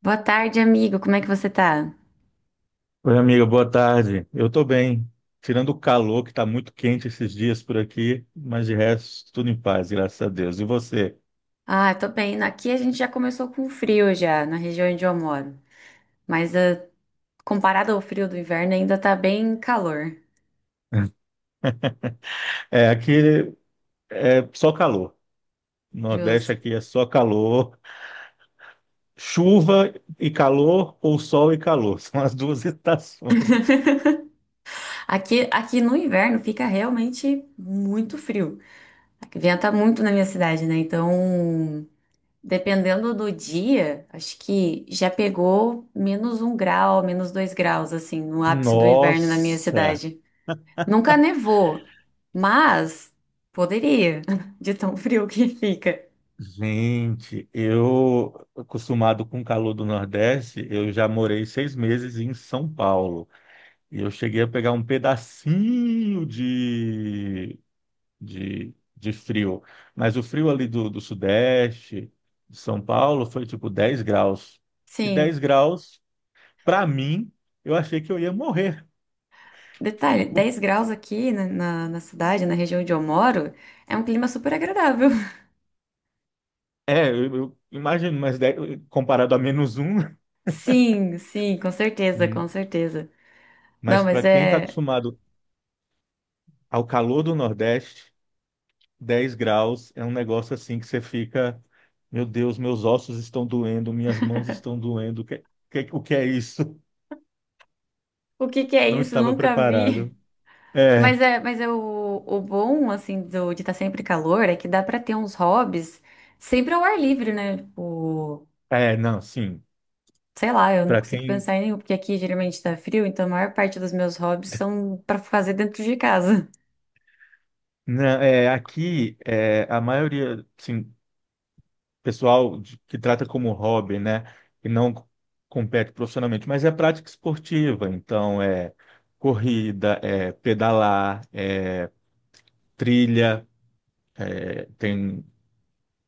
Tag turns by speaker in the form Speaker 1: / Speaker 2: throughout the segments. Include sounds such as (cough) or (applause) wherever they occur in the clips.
Speaker 1: Boa tarde, amigo. Como é que você tá?
Speaker 2: Oi, amiga, boa tarde. Eu tô bem. Tirando o calor, que tá muito quente esses dias por aqui, mas de resto, tudo em paz, graças a Deus. E você?
Speaker 1: Ah, eu tô bem. Aqui a gente já começou com frio já, na região onde eu moro. Mas comparado ao frio do inverno, ainda tá bem calor.
Speaker 2: (laughs) É, aqui é só calor. Nordeste
Speaker 1: Justo.
Speaker 2: aqui é só calor. Chuva e calor, ou sol e calor. (laughs) São as duas (laughs) estações.
Speaker 1: Aqui no inverno fica realmente muito frio. Aqui venta muito na minha cidade, né? Então, dependendo do dia, acho que já pegou -1 grau, -2 graus, assim, no ápice do inverno na minha
Speaker 2: Nossa,
Speaker 1: cidade. Nunca nevou, mas poderia, (laughs) de tão frio que fica.
Speaker 2: gente, eu, acostumado com o calor do Nordeste, eu já morei 6 meses em São Paulo. E eu cheguei a pegar um pedacinho de frio. Mas o frio ali do Sudeste, de São Paulo, foi tipo 10 graus. E 10
Speaker 1: Sim,
Speaker 2: graus, para mim, eu achei que eu ia morrer.
Speaker 1: detalhe,
Speaker 2: Por-
Speaker 1: 10 graus aqui na cidade, na região onde eu moro, é um clima super agradável. (laughs)
Speaker 2: É, eu imagino, mas 10 comparado a -1. (laughs)
Speaker 1: Sim, sim, com certeza, com
Speaker 2: Hum.
Speaker 1: certeza. Não,
Speaker 2: Mas
Speaker 1: mas
Speaker 2: para quem está
Speaker 1: é.
Speaker 2: acostumado ao calor do Nordeste, 10 graus é um negócio assim que você fica, meu Deus, meus ossos estão doendo, minhas mãos estão doendo. O que, o que é isso?
Speaker 1: O que que é
Speaker 2: Não
Speaker 1: isso?
Speaker 2: estava
Speaker 1: Nunca vi.
Speaker 2: preparado.
Speaker 1: (laughs)
Speaker 2: É,
Speaker 1: Mas é o bom, assim, de estar sempre calor é que dá pra ter uns hobbies sempre ao ar livre, né? Tipo,
Speaker 2: é, não, sim.
Speaker 1: sei lá, eu não
Speaker 2: Para
Speaker 1: consigo
Speaker 2: quem,
Speaker 1: pensar em nenhum, porque aqui geralmente tá frio, então a maior parte dos meus hobbies são pra fazer dentro de casa.
Speaker 2: não, é, aqui é, a maioria, sim, pessoal que trata como hobby, né, e não compete profissionalmente, mas é prática esportiva. Então é corrida, é pedalar, é trilha,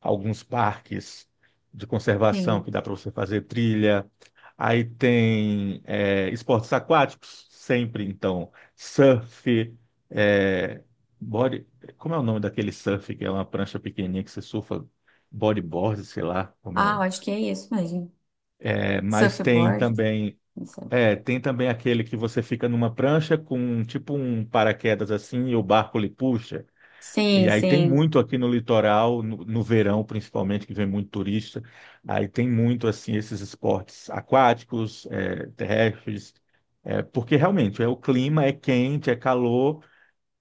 Speaker 2: alguns parques de
Speaker 1: (laughs)
Speaker 2: conservação
Speaker 1: Sim.
Speaker 2: que dá para você fazer trilha. Aí tem é, esportes aquáticos, sempre então, surf, é, body. Como é o nome daquele surf que é uma prancha pequenininha que você surfa? Bodyboard, sei lá como é.
Speaker 1: Ah, eu acho que é isso mesmo.
Speaker 2: É, mas tem
Speaker 1: Surfboard?
Speaker 2: também.
Speaker 1: Não sei.
Speaker 2: É, tem também aquele que você fica numa prancha com tipo um paraquedas assim e o barco lhe puxa. E
Speaker 1: Sim,
Speaker 2: aí tem
Speaker 1: sim.
Speaker 2: muito aqui no litoral, no verão principalmente, que vem muito turista. Aí tem muito assim esses esportes aquáticos, é, terrestres, é, porque realmente é o clima é quente, é calor,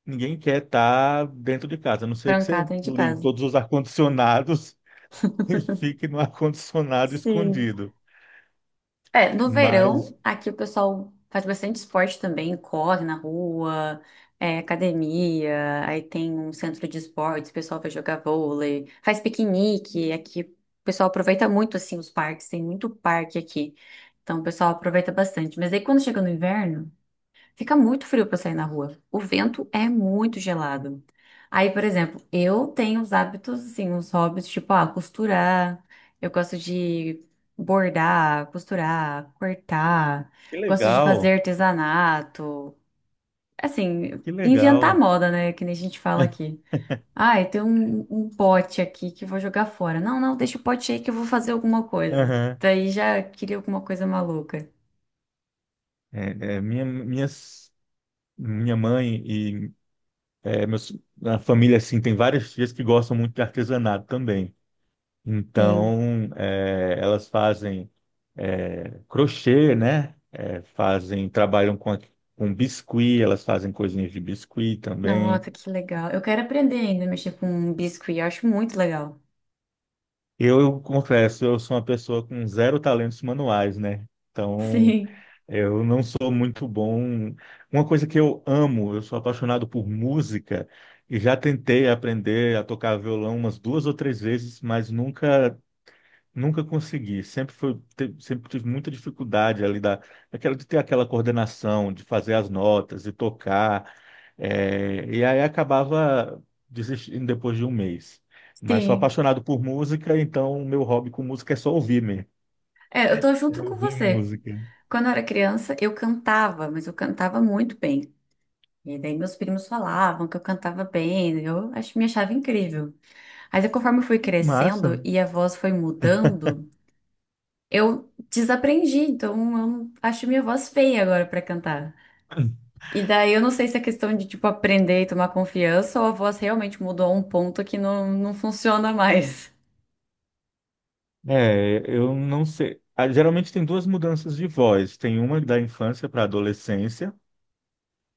Speaker 2: ninguém quer estar dentro de casa. A não ser que
Speaker 1: Trancar
Speaker 2: você
Speaker 1: dentro de
Speaker 2: ligue
Speaker 1: casa.
Speaker 2: todos os ar-condicionados (laughs) e fique no ar-condicionado
Speaker 1: Sim.
Speaker 2: escondido.
Speaker 1: É, no
Speaker 2: Mas
Speaker 1: verão, aqui o pessoal faz bastante esporte também, corre na rua, é, academia, aí tem um centro de esportes, o pessoal vai jogar vôlei, faz piquenique, aqui o pessoal aproveita muito, assim, os parques, tem muito parque aqui, então o pessoal aproveita bastante, mas aí quando chega no inverno, fica muito frio para sair na rua. O vento é muito gelado. Aí, por exemplo, eu tenho os hábitos, assim, os hobbies, tipo, ah, costurar. Eu gosto de bordar, costurar, cortar.
Speaker 2: que
Speaker 1: Gosto de
Speaker 2: legal,
Speaker 1: fazer artesanato. Assim,
Speaker 2: que
Speaker 1: inventar
Speaker 2: legal.
Speaker 1: moda, né? Que nem a gente fala aqui.
Speaker 2: (laughs)
Speaker 1: Ah, tem um pote aqui que eu vou jogar fora. Não, não, deixa o pote aí que eu vou fazer alguma coisa.
Speaker 2: Aham.
Speaker 1: Daí já queria alguma coisa maluca.
Speaker 2: É, é, minha mãe e É, meus, a família, assim, tem várias tias que gostam muito de artesanato também.
Speaker 1: Sim.
Speaker 2: Então, é, elas fazem é, crochê, né? É, fazem, trabalham com, com biscuit, elas fazem coisinhas de biscuit também.
Speaker 1: Nossa, que legal. Eu quero aprender ainda a mexer com biscuit, eu acho muito legal.
Speaker 2: Eu confesso, eu sou uma pessoa com zero talentos manuais, né? Então,
Speaker 1: Sim,
Speaker 2: eu não sou muito bom. Uma coisa que eu amo, eu sou apaixonado por música e já tentei aprender a tocar violão umas 2 ou 3 vezes, mas nunca consegui, sempre tive muita dificuldade ali daquela, de ter aquela coordenação, de fazer as notas e tocar, é, e aí acabava desistindo depois de 1 mês. Mas sou
Speaker 1: sim.
Speaker 2: apaixonado por música, então o meu hobby com música é só ouvir mesmo,
Speaker 1: É, eu tô
Speaker 2: é
Speaker 1: junto com
Speaker 2: ouvir
Speaker 1: você.
Speaker 2: música.
Speaker 1: Quando eu era criança, eu cantava, mas eu cantava muito bem. E daí meus primos falavam que eu cantava bem, eu acho, me achava incrível. Mas aí conforme eu fui crescendo
Speaker 2: Massa.
Speaker 1: e a voz foi mudando, eu desaprendi, então eu não- acho minha voz feia agora pra cantar. E daí eu não sei se é questão de, tipo, aprender e tomar confiança ou a voz realmente mudou a um ponto que não, não funciona mais.
Speaker 2: É, eu não sei. Ah, geralmente tem duas mudanças de voz, tem uma da infância para a adolescência,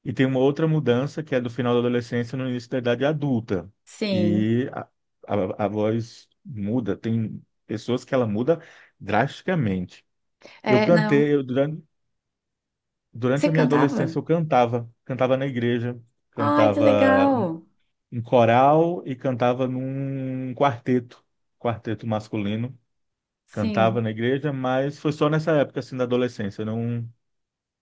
Speaker 2: e tem uma outra mudança que é do final da adolescência no início da idade adulta.
Speaker 1: Sim.
Speaker 2: E a voz muda, tem pessoas que ela muda drasticamente. Eu
Speaker 1: É, não.
Speaker 2: cantei, eu, durante,
Speaker 1: Você
Speaker 2: durante a minha
Speaker 1: cantava?
Speaker 2: adolescência eu cantava, cantava na igreja,
Speaker 1: Ai, que
Speaker 2: cantava
Speaker 1: legal.
Speaker 2: em coral e cantava num quarteto, quarteto masculino. Cantava
Speaker 1: Sim.
Speaker 2: na igreja, mas foi só nessa época assim da adolescência, eu não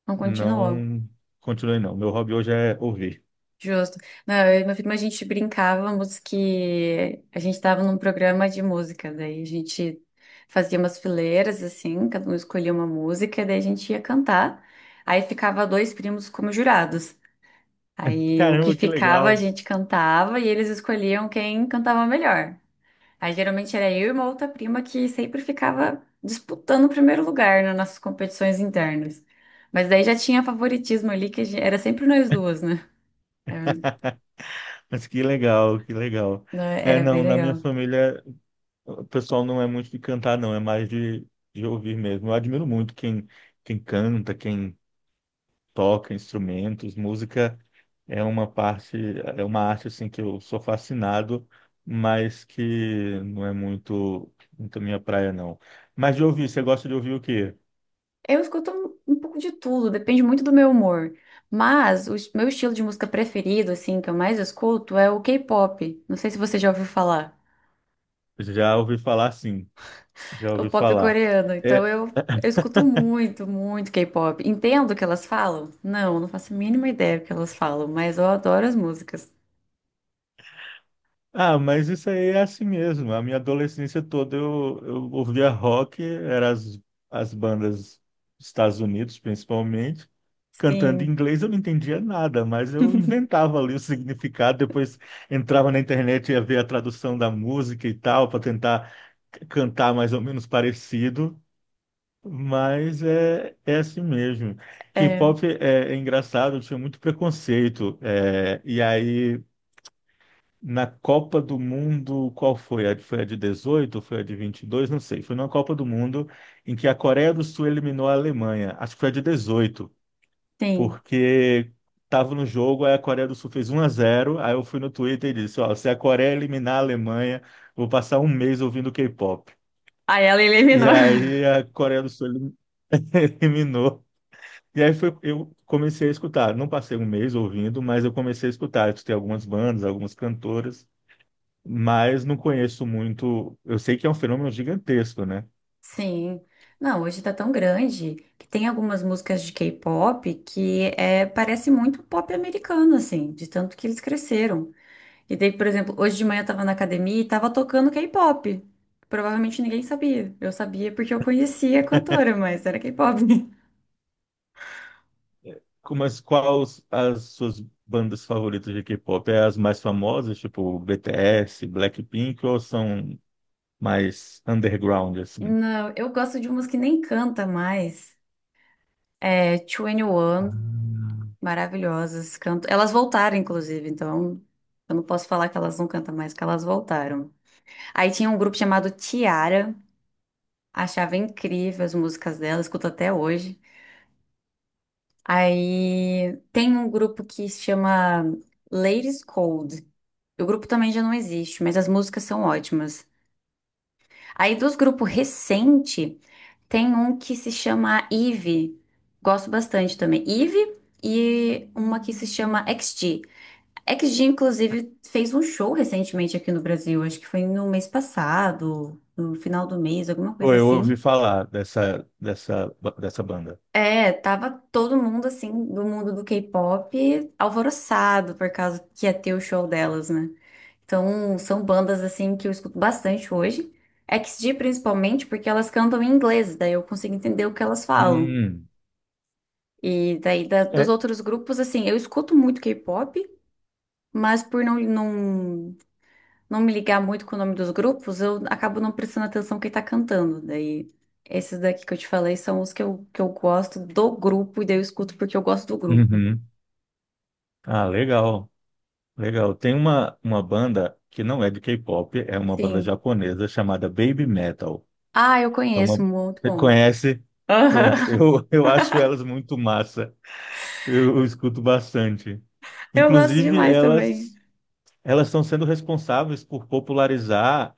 Speaker 1: Não continuou.
Speaker 2: não continuei não. Meu hobby hoje é ouvir.
Speaker 1: Justo. Não, eu e meu filho, mas a gente brincávamos que a gente estava num programa de música, daí a gente fazia umas fileiras assim, cada um escolhia uma música, daí a gente ia cantar. Aí ficava dois primos como jurados. Aí o que
Speaker 2: Caramba, que
Speaker 1: ficava a
Speaker 2: legal.
Speaker 1: gente cantava e eles escolhiam quem cantava melhor. Aí geralmente era eu e uma outra prima que sempre ficava disputando o primeiro lugar, né, nas nossas competições internas. Mas daí já tinha favoritismo ali, era sempre nós duas, né? Era,
Speaker 2: (laughs) Mas que legal, que legal.
Speaker 1: né,
Speaker 2: É,
Speaker 1: era bem
Speaker 2: não, na minha
Speaker 1: legal.
Speaker 2: família o pessoal não é muito de cantar, não, é mais de ouvir mesmo. Eu admiro muito quem canta, quem toca instrumentos, música é uma parte, é uma arte assim que eu sou fascinado, mas que não é muito, muito minha praia, não. Mas de ouvir, você gosta de ouvir o quê?
Speaker 1: Eu escuto um pouco de tudo, depende muito do meu humor. Mas meu estilo de música preferido, assim, que eu mais escuto é o K-pop. Não sei se você já ouviu falar.
Speaker 2: Já ouvi falar, sim, já
Speaker 1: O
Speaker 2: ouvi
Speaker 1: pop
Speaker 2: falar.
Speaker 1: coreano. Então
Speaker 2: É,
Speaker 1: eu escuto muito, muito K-pop. Entendo o que elas falam? Não, não faço a mínima ideia do que elas falam, mas eu adoro as músicas.
Speaker 2: ah, mas isso aí é assim mesmo. A minha adolescência toda eu ouvia rock, eram as bandas dos Estados Unidos, principalmente, cantando em
Speaker 1: Sim,
Speaker 2: inglês. Eu não entendia nada, mas eu inventava ali o significado. Depois entrava na internet e ia ver a tradução da música e tal, para tentar cantar mais ou menos parecido. Mas é, é assim mesmo.
Speaker 1: é,
Speaker 2: K-pop é engraçado, eu tinha muito preconceito. E aí. Na Copa do Mundo, qual foi? Foi a de 18? Foi a de 22? Não sei. Foi numa Copa do Mundo em que a Coreia do Sul eliminou a Alemanha. Acho que foi a de 18,
Speaker 1: sim.
Speaker 2: porque estava no jogo, aí a Coreia do Sul fez 1 a 0. Aí eu fui no Twitter e disse, ó, se a Coreia eliminar a Alemanha, vou passar 1 mês ouvindo K-pop.
Speaker 1: Aí ela
Speaker 2: E
Speaker 1: eliminou. (laughs)
Speaker 2: aí a Coreia do Sul (laughs) eliminou. E aí foi, eu comecei a escutar. Não passei 1 mês ouvindo, mas eu comecei a escutar. Eu escutei algumas bandas, algumas cantoras. Mas não conheço muito. Eu sei que é um fenômeno gigantesco, né?
Speaker 1: Sim. Não, hoje tá tão grande que tem algumas músicas de K-pop que é, parece muito pop americano, assim, de tanto que eles cresceram. E daí, por exemplo, hoje de manhã eu tava na academia e tava tocando K-pop. Provavelmente ninguém sabia. Eu sabia porque eu conhecia a cantora, mas era K-pop. (laughs)
Speaker 2: Mas quais as suas bandas favoritas de K-pop? É as mais famosas, tipo BTS, Blackpink, ou são mais underground, assim?
Speaker 1: Não, eu gosto de umas que nem canta mais. É, 21,
Speaker 2: Ah.
Speaker 1: Maravilhosas. Canto... Elas voltaram, inclusive, então eu não posso falar que elas não cantam mais, que elas voltaram. Aí tinha um grupo chamado Tiara, achava incrível as músicas dela, escuto até hoje. Aí tem um grupo que se chama Ladies Cold. O grupo também já não existe, mas as músicas são ótimas. Aí dos grupos recente, tem um que se chama Eve. Gosto bastante também. Eve e uma que se chama XG. XG, inclusive, fez um show recentemente aqui no Brasil. Acho que foi no mês passado, no final do mês, alguma
Speaker 2: Pô,
Speaker 1: coisa
Speaker 2: eu ouvi
Speaker 1: assim.
Speaker 2: falar dessa banda.
Speaker 1: É, tava todo mundo, assim, do mundo do K-pop alvoroçado por causa que ia ter o show delas, né? Então, são bandas, assim, que eu escuto bastante hoje. XG, principalmente, porque elas cantam em inglês, daí eu consigo entender o que elas falam.
Speaker 2: Hum,
Speaker 1: E daí, dos
Speaker 2: é.
Speaker 1: outros grupos, assim, eu escuto muito K-pop, mas por não me ligar muito com o nome dos grupos, eu acabo não prestando atenção quem tá cantando. Daí, esses daqui que eu te falei são os que que eu gosto do grupo, e daí eu escuto porque eu gosto do grupo.
Speaker 2: Uhum. Ah, legal, legal. Tem uma banda que não é de K-pop, é uma banda
Speaker 1: Sim.
Speaker 2: japonesa chamada Baby Metal.
Speaker 1: Ah, eu
Speaker 2: É
Speaker 1: conheço,
Speaker 2: uma...
Speaker 1: muito bom.
Speaker 2: Conhece? Pronto,
Speaker 1: Aham.
Speaker 2: eu, (laughs) eu acho elas
Speaker 1: (laughs)
Speaker 2: muito massa. Eu escuto bastante.
Speaker 1: Eu gosto
Speaker 2: Inclusive,
Speaker 1: demais
Speaker 2: elas
Speaker 1: também.
Speaker 2: elas estão sendo responsáveis por popularizar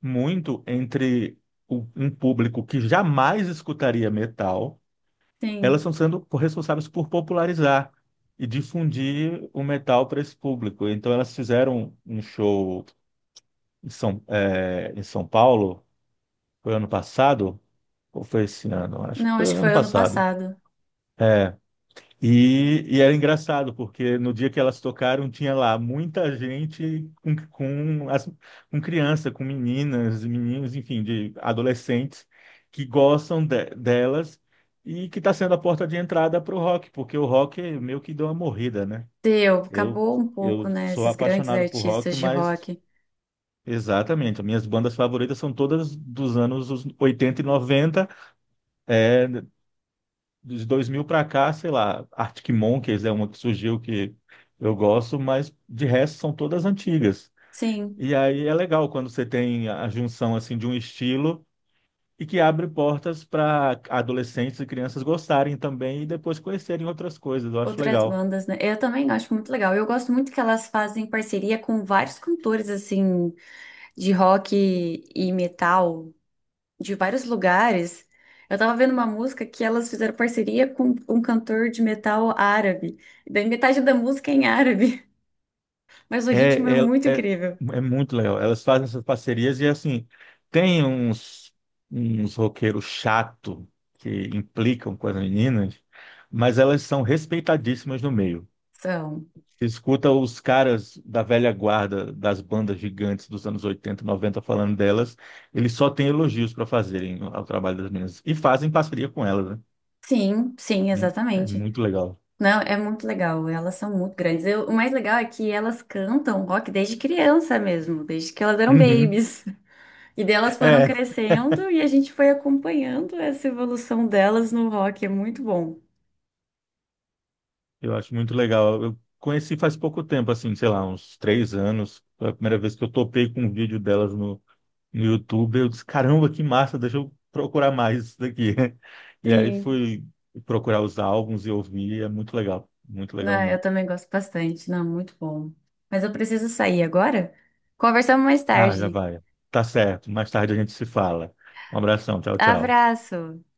Speaker 2: muito entre um público que jamais escutaria metal. Elas
Speaker 1: Sim.
Speaker 2: estão sendo responsáveis por popularizar e difundir o metal para esse público. Então, elas fizeram um show em São, em São Paulo, foi ano passado, ou foi esse ano? Acho que
Speaker 1: Não,
Speaker 2: foi
Speaker 1: acho que
Speaker 2: ano
Speaker 1: foi ano
Speaker 2: passado.
Speaker 1: passado.
Speaker 2: É, e era engraçado, porque no dia que elas tocaram, tinha lá muita gente com, com criança, com meninas, e meninos, enfim, de adolescentes que gostam delas e que está sendo a porta de entrada para o rock, porque o rock meio que deu uma morrida, né?
Speaker 1: Deu,
Speaker 2: Eu,
Speaker 1: acabou um pouco,
Speaker 2: eu
Speaker 1: né?
Speaker 2: sou
Speaker 1: Esses grandes
Speaker 2: apaixonado por rock,
Speaker 1: artistas de
Speaker 2: mas
Speaker 1: rock.
Speaker 2: exatamente, as minhas bandas favoritas são todas dos anos 80 e 90, de 2000 para cá, sei lá, Arctic Monkeys é uma que surgiu que eu gosto, mas de resto são todas antigas.
Speaker 1: Sim,
Speaker 2: E aí é legal quando você tem a junção assim de um estilo e que abre portas para adolescentes e crianças gostarem também e depois conhecerem outras coisas. Eu acho
Speaker 1: outras
Speaker 2: legal.
Speaker 1: bandas, né? Eu também acho muito legal. Eu gosto muito que elas fazem parceria com vários cantores, assim, de rock e metal de vários lugares. Eu tava vendo uma música que elas fizeram parceria com um cantor de metal árabe. E daí metade da música é em árabe, (laughs) mas o ritmo é
Speaker 2: É, é,
Speaker 1: muito
Speaker 2: é,
Speaker 1: incrível.
Speaker 2: é muito legal. Elas fazem essas parcerias e assim tem uns roqueiros chato que implicam com as meninas, mas elas são respeitadíssimas no meio.
Speaker 1: São.
Speaker 2: Você escuta os caras da velha guarda das bandas gigantes dos anos 80 90 falando delas, eles só têm elogios para fazerem ao trabalho das meninas. E fazem parceria com elas, né?
Speaker 1: Sim, sim,
Speaker 2: É
Speaker 1: exatamente.
Speaker 2: muito legal.
Speaker 1: Não, é muito legal. Elas são muito grandes. O mais legal é que elas cantam rock desde criança mesmo, desde que elas eram
Speaker 2: Uhum.
Speaker 1: babies. E delas foram
Speaker 2: É,
Speaker 1: crescendo e a gente foi acompanhando essa evolução delas no rock. É muito bom.
Speaker 2: eu acho muito legal. Eu conheci faz pouco tempo, assim, sei lá, uns 3 anos. Foi a primeira vez que eu topei com um vídeo delas no YouTube. Eu disse, caramba, que massa, deixa eu procurar mais isso daqui. (laughs) E aí
Speaker 1: Sim.
Speaker 2: fui procurar os álbuns e ouvir, é muito legal
Speaker 1: Ah, eu
Speaker 2: mesmo.
Speaker 1: também gosto bastante. Não, muito bom. Mas eu preciso sair agora. Conversamos mais
Speaker 2: Ah, já
Speaker 1: tarde.
Speaker 2: vai. Tá certo. Mais tarde a gente se fala. Um abração. Tchau, tchau.
Speaker 1: Abraço!